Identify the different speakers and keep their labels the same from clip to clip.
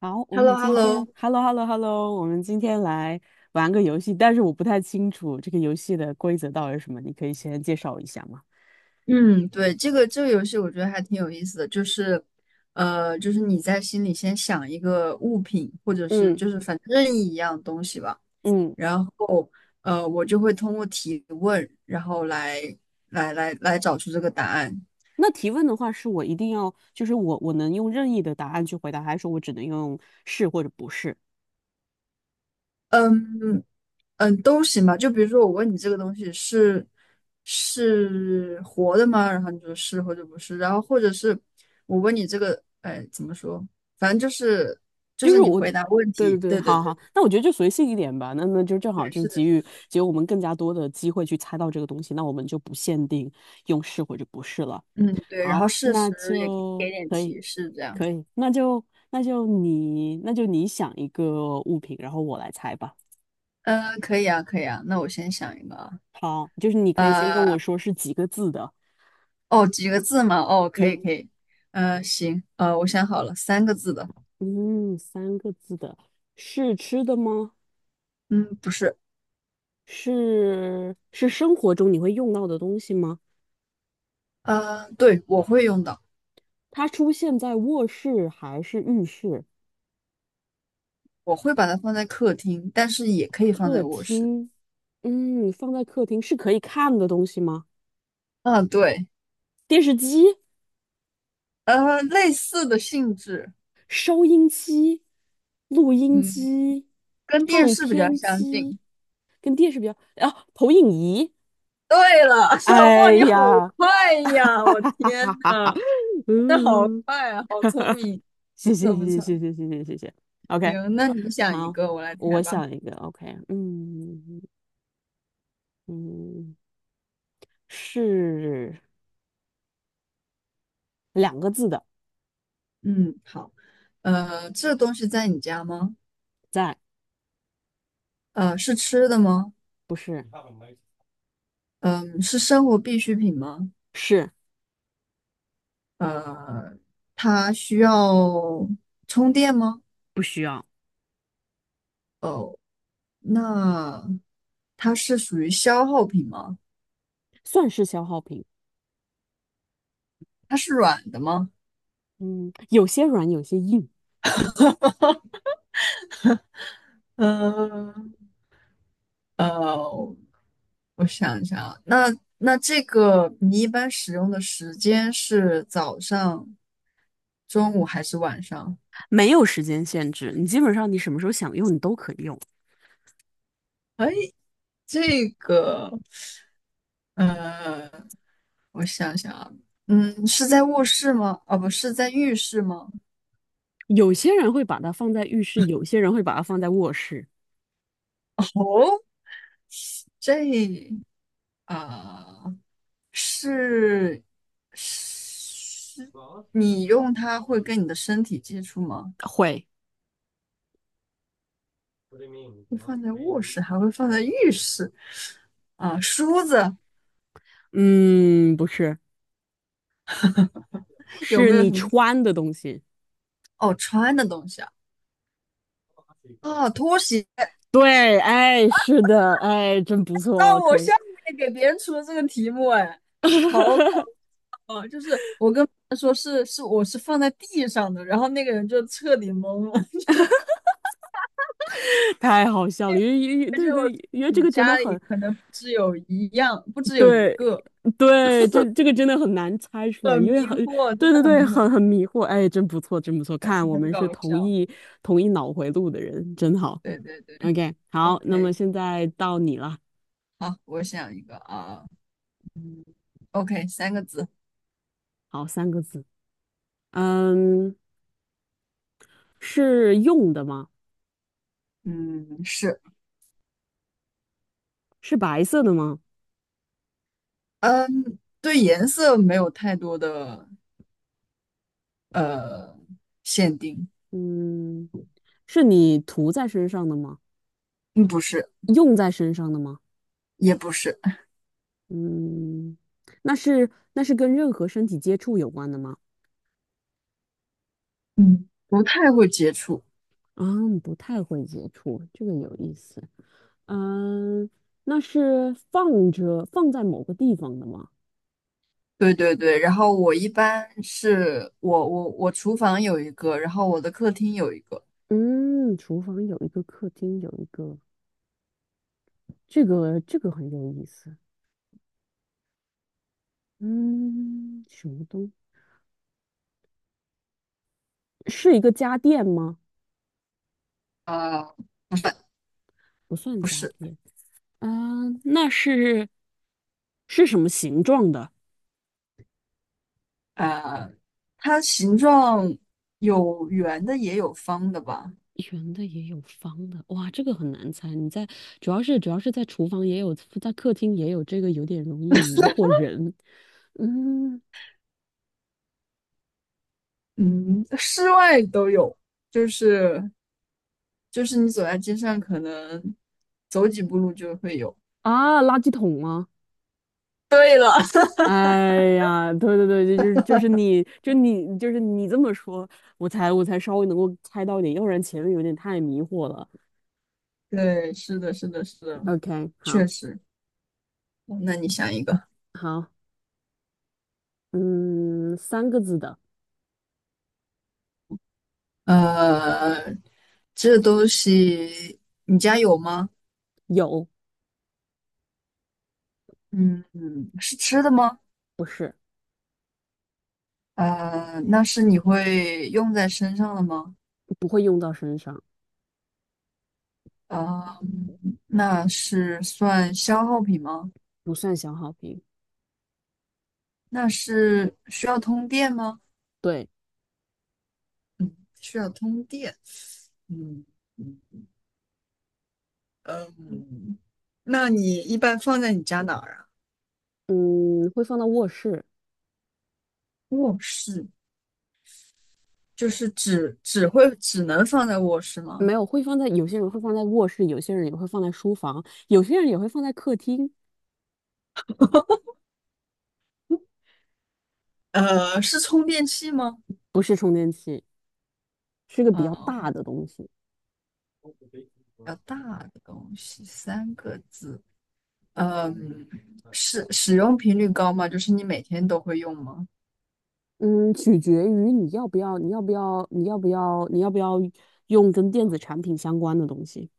Speaker 1: 好，
Speaker 2: h
Speaker 1: 我
Speaker 2: e l l
Speaker 1: 们
Speaker 2: o h e l
Speaker 1: 今
Speaker 2: l o
Speaker 1: 天，hello hello hello，我们今天来玩个游戏，但是我不太清楚这个游戏的规则到底是什么，你可以先介绍一下吗？
Speaker 2: 嗯，对，这个游戏我觉得还挺有意思的，就是你在心里先想一个物品，或者是
Speaker 1: 嗯。
Speaker 2: 就是反正任意一样东西吧，
Speaker 1: 嗯。
Speaker 2: 然后我就会通过提问，然后来找出这个答案。
Speaker 1: 那提问的话是我一定要，就是我能用任意的答案去回答，还是说我只能用是或者不是？
Speaker 2: 嗯，嗯，都行吧。就比如说，我问你这个东西是活的吗？然后你说是或者不是，然后或者是我问你这个，哎，怎么说？反正就是就
Speaker 1: 就
Speaker 2: 是
Speaker 1: 是
Speaker 2: 你
Speaker 1: 我
Speaker 2: 回
Speaker 1: 的。
Speaker 2: 答问
Speaker 1: 对
Speaker 2: 题，
Speaker 1: 对对，
Speaker 2: 对对
Speaker 1: 好好，
Speaker 2: 对
Speaker 1: 那我觉得就随性一点吧，那就正好
Speaker 2: 对，
Speaker 1: 就
Speaker 2: 是的，
Speaker 1: 给予我们更加多的机会去猜到这个东西，那我们就不限定用是或者不是了。
Speaker 2: 嗯，对。然
Speaker 1: 好，
Speaker 2: 后事
Speaker 1: 那
Speaker 2: 实也可以给
Speaker 1: 就
Speaker 2: 点
Speaker 1: 可以。
Speaker 2: 提示，这样。
Speaker 1: 可以，那就那就你想一个物品，然后我来猜吧。
Speaker 2: 嗯，可以啊，可以啊。那我先想一个啊，
Speaker 1: 好，就是你可以先跟我
Speaker 2: 呃，
Speaker 1: 说是几个字的。
Speaker 2: 哦，几个字嘛？哦，可以
Speaker 1: 嗯。
Speaker 2: 可以。行，我想好了，三个字的。
Speaker 1: 嗯，三个字的，是吃的吗？
Speaker 2: 嗯，不是，
Speaker 1: 是是生活中你会用到的东西吗？
Speaker 2: 对，我会用到。
Speaker 1: 它出现在卧室还是浴室、
Speaker 2: 我会把它放在客厅，但是也可以放在
Speaker 1: 客
Speaker 2: 卧室。
Speaker 1: 厅？嗯，放在客厅是可以看的东西吗？
Speaker 2: 啊，对，
Speaker 1: 电视机、
Speaker 2: 类似的性质，
Speaker 1: 收音机、录音
Speaker 2: 嗯，
Speaker 1: 机、
Speaker 2: 跟电
Speaker 1: 唱
Speaker 2: 视比较
Speaker 1: 片
Speaker 2: 相
Speaker 1: 机。
Speaker 2: 近。
Speaker 1: 这是比较，啊，投影仪。
Speaker 2: 对了，哇，
Speaker 1: 哎
Speaker 2: 你好
Speaker 1: 呀，
Speaker 2: 快呀！
Speaker 1: 哈
Speaker 2: 我
Speaker 1: 哈哈
Speaker 2: 天
Speaker 1: 哈哈哈，
Speaker 2: 呐，那好
Speaker 1: 嗯，
Speaker 2: 快啊，好聪明，不
Speaker 1: 谢谢
Speaker 2: 错不
Speaker 1: 谢
Speaker 2: 错。
Speaker 1: 谢谢谢谢谢谢谢，OK，
Speaker 2: 行，那你想一
Speaker 1: 好，
Speaker 2: 个，我来猜
Speaker 1: 我
Speaker 2: 吧。
Speaker 1: 想一个，OK。嗯嗯，是两个字的。
Speaker 2: 嗯，好。这东西在你家吗？
Speaker 1: 在。
Speaker 2: 是吃的吗？
Speaker 1: 不是。
Speaker 2: 嗯，是生活必需品吗？
Speaker 1: 是。
Speaker 2: 呃，它需要充电吗？
Speaker 1: 不需要。
Speaker 2: 哦，那它是属于消耗品吗？
Speaker 1: 算是消耗品。
Speaker 2: 它是软的吗？
Speaker 1: 嗯，有些软有些硬。
Speaker 2: 嗯呃，我想一下啊，那这个你一般使用的时间是早上、中午还是晚上？
Speaker 1: 没有时间限制，你基本上你什么时候想用你都可以用。
Speaker 2: 哎，这个呃我想想啊，嗯，是在卧室吗？哦，不是在浴室吗？
Speaker 1: 有些人会把它放在浴室，有些人会把它放在卧室。
Speaker 2: 哦，这啊。是是，你用它会跟你的身体接触吗？
Speaker 1: 会。
Speaker 2: 会放在卧室，还会放在浴室啊？梳子
Speaker 1: 嗯，不是，
Speaker 2: 有
Speaker 1: 是
Speaker 2: 没有
Speaker 1: 你
Speaker 2: 什么？
Speaker 1: 穿的东西。
Speaker 2: 哦，穿的东西啊？啊，拖鞋。
Speaker 1: 对，哎，是的，哎，真不
Speaker 2: 让
Speaker 1: 错，
Speaker 2: 我
Speaker 1: 可以。
Speaker 2: 下面给别人出的这个题目，哎，好搞笑啊！就是我跟他说是我是放在地上的，然后那个人就彻底懵了，
Speaker 1: 太好笑了，因为
Speaker 2: 而且
Speaker 1: 对
Speaker 2: 我说
Speaker 1: 对，因为这
Speaker 2: 你
Speaker 1: 个真的
Speaker 2: 家里
Speaker 1: 很，
Speaker 2: 可能不只有一样，不只有一
Speaker 1: 对。
Speaker 2: 个，
Speaker 1: 对，这个真的很难猜出来，
Speaker 2: 很
Speaker 1: 因为
Speaker 2: 迷
Speaker 1: 很，
Speaker 2: 惑，真
Speaker 1: 对
Speaker 2: 的
Speaker 1: 对
Speaker 2: 很
Speaker 1: 对，
Speaker 2: 迷惑。
Speaker 1: 很迷惑，哎，真不错，真不错，看我
Speaker 2: 很
Speaker 1: 们是
Speaker 2: 搞
Speaker 1: 同
Speaker 2: 笑。
Speaker 1: 一同一脑回路的人，真好
Speaker 2: 对对对
Speaker 1: ，OK，好，那么
Speaker 2: ，OK，
Speaker 1: 现在到你了。
Speaker 2: 好，我想一个啊，OK，三个字，
Speaker 1: 好，三个字。嗯，是用的吗？
Speaker 2: 嗯，是，
Speaker 1: 是白色的吗？
Speaker 2: 嗯，对颜色没有太多的呃限定，
Speaker 1: 嗯，是你涂在身上的吗？
Speaker 2: 嗯，不是，
Speaker 1: 用在身上的吗？
Speaker 2: 也不是，
Speaker 1: 嗯，那是跟任何身体接触有关的吗？
Speaker 2: 嗯，不太会接触。
Speaker 1: 啊，不太会接触，这个有意思。嗯，那是放着放在某个地方的吗？
Speaker 2: 对对对，然后我一般是我厨房有一个，然后我的客厅有一个，
Speaker 1: 嗯，厨房有一个，客厅有一个，这个很有意思。嗯，什么东？是一个家电吗？
Speaker 2: 呃，
Speaker 1: 不算
Speaker 2: 不
Speaker 1: 家
Speaker 2: 是，
Speaker 1: 电。啊，那是是什么形状的？
Speaker 2: 呃，它形状有圆的也有方的吧，
Speaker 1: 圆的也有方的，哇，这个很难猜。你在主要是在厨房也有，在客厅也有，这个有点容易迷惑人。嗯。
Speaker 2: 嗯，室外都有，就是就是你走在街上，可能走几步路就会有。
Speaker 1: 啊，垃圾桶吗？哎呀，对对对，就是你，就是你这么说，我才稍微能够猜到一点，要不然前面有点太迷惑了。
Speaker 2: 对，是的，是的，是的，
Speaker 1: OK，好。
Speaker 2: 确实。哦那你想一个，
Speaker 1: 好。嗯，三个字的。
Speaker 2: 呃，这东西你家有吗？
Speaker 1: 有。
Speaker 2: 嗯嗯，是吃的吗？
Speaker 1: 不是。
Speaker 2: 那是你会用在身上的吗？
Speaker 1: 不会用到身上。
Speaker 2: 呃，那是算消耗品吗？
Speaker 1: 不算小好评。
Speaker 2: 那是需要通电吗？
Speaker 1: 对。
Speaker 2: 嗯，需要通电。嗯。嗯嗯，那你一般放在你家哪儿啊？
Speaker 1: 嗯，会放到卧室。
Speaker 2: 卧室就是只能放在卧室吗？
Speaker 1: 没有，会放在有些人会放在卧室，有些人也会放在书房，有些人也会放在客厅。
Speaker 2: 是充电器吗？
Speaker 1: 不是充电器，是个比较
Speaker 2: 嗯，
Speaker 1: 大的东西。
Speaker 2: 比较大的东西，三个字。嗯，是使用频率高吗？就是你每天都会用吗？
Speaker 1: 嗯，取决于你要不要，你要不要，你要不要，你要不要用跟电子产品相关的东西。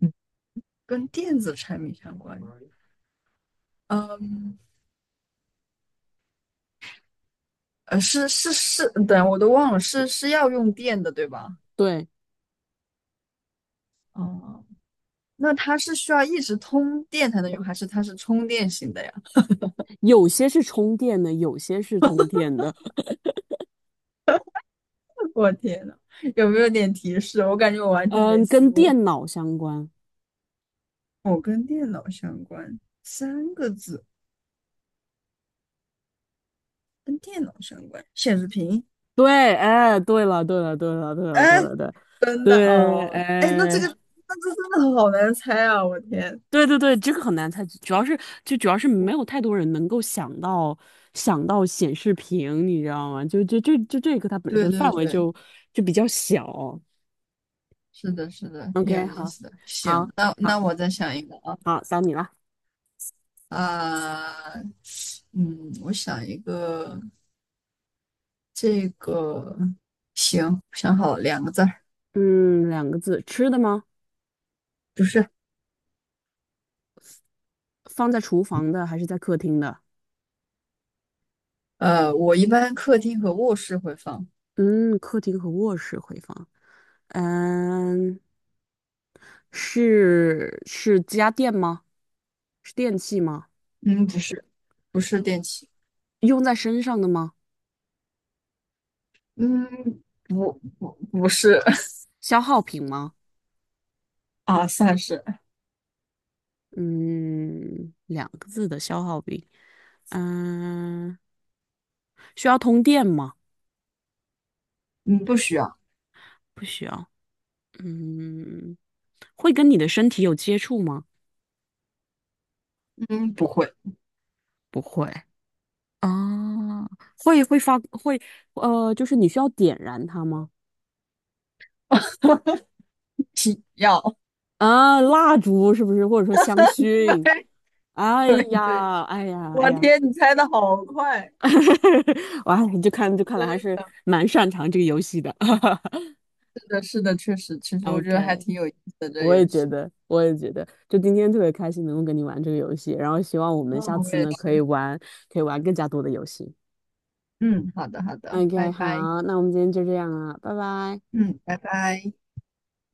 Speaker 2: 嗯，跟电子产品相关。嗯，是是是，等我都忘了，是要用电的，对吧？
Speaker 1: 对。
Speaker 2: 哦，那它是需要一直通电才能用，还是它是充电型的呀？
Speaker 1: 有些是充电的，有些是通电的。
Speaker 2: 我天呐，有没有点提示？我感觉我完全没
Speaker 1: 嗯，
Speaker 2: 思
Speaker 1: 跟
Speaker 2: 路。
Speaker 1: 电脑相关。
Speaker 2: 哦，跟电脑相关，三个字，跟电脑相关，显示屏。
Speaker 1: 对，哎，对了，对了，对了，对了，对
Speaker 2: 哎，
Speaker 1: 了，对了
Speaker 2: 真的
Speaker 1: 对。
Speaker 2: 哦，哎，那这
Speaker 1: 哎。
Speaker 2: 个 那这真的好难猜啊！我天，
Speaker 1: 对对对，这个很难猜，主要是没有
Speaker 2: 我
Speaker 1: 太多人能够想到显示屏，你知道吗？就这个它本
Speaker 2: 对
Speaker 1: 身
Speaker 2: 对
Speaker 1: 范围
Speaker 2: 对，
Speaker 1: 就比较小。
Speaker 2: 是的，是的，挺有
Speaker 1: OK，
Speaker 2: 意
Speaker 1: 好。
Speaker 2: 思的。行，
Speaker 1: 好。
Speaker 2: 那
Speaker 1: 好。
Speaker 2: 我再想一个啊，
Speaker 1: 好，到你了。
Speaker 2: 啊，嗯，我想一个，这个行，想好了两个字儿，
Speaker 1: 嗯，两个字，吃的吗？
Speaker 2: 不是，
Speaker 1: 放在厨房的还是在客厅的？
Speaker 2: 我一般客厅和卧室会放。
Speaker 1: 嗯，客厅和卧室会放。嗯，是家电吗？是电器吗？
Speaker 2: 嗯，不是，不是电器，
Speaker 1: 用在身上的吗？
Speaker 2: 嗯，不是
Speaker 1: 消耗品吗？
Speaker 2: 啊，算是，
Speaker 1: 嗯，两个字的消耗品。嗯，需要通电吗？
Speaker 2: 嗯，不需要，
Speaker 1: 不需要。嗯，会跟你的身体有接触吗？
Speaker 2: 嗯，不会，
Speaker 1: 不会。啊，会会发会呃，就是你需要点燃它吗？
Speaker 2: 需要，
Speaker 1: 啊，蜡烛是不是？或者说香薰？哎
Speaker 2: 对，
Speaker 1: 呀，哎呀，哎
Speaker 2: 我
Speaker 1: 呀，
Speaker 2: 天，你猜的好快，
Speaker 1: 哇，你就看来还是
Speaker 2: 真
Speaker 1: 蛮擅长这个游戏的。
Speaker 2: 是的，是的，确实，其实我觉得还
Speaker 1: OK，
Speaker 2: 挺有意思的这
Speaker 1: 我也
Speaker 2: 游
Speaker 1: 觉
Speaker 2: 戏，
Speaker 1: 得，我也觉得，就今天特别开心能够跟你玩这个游戏，然后希望我
Speaker 2: 嗯，
Speaker 1: 们下
Speaker 2: 我
Speaker 1: 次
Speaker 2: 也
Speaker 1: 呢可以
Speaker 2: 是，
Speaker 1: 玩，可以玩更加多的游戏。
Speaker 2: 嗯，好的，好的，拜
Speaker 1: OK，
Speaker 2: 拜，
Speaker 1: 好，那我们今天就这样了，拜拜。
Speaker 2: 嗯，拜拜。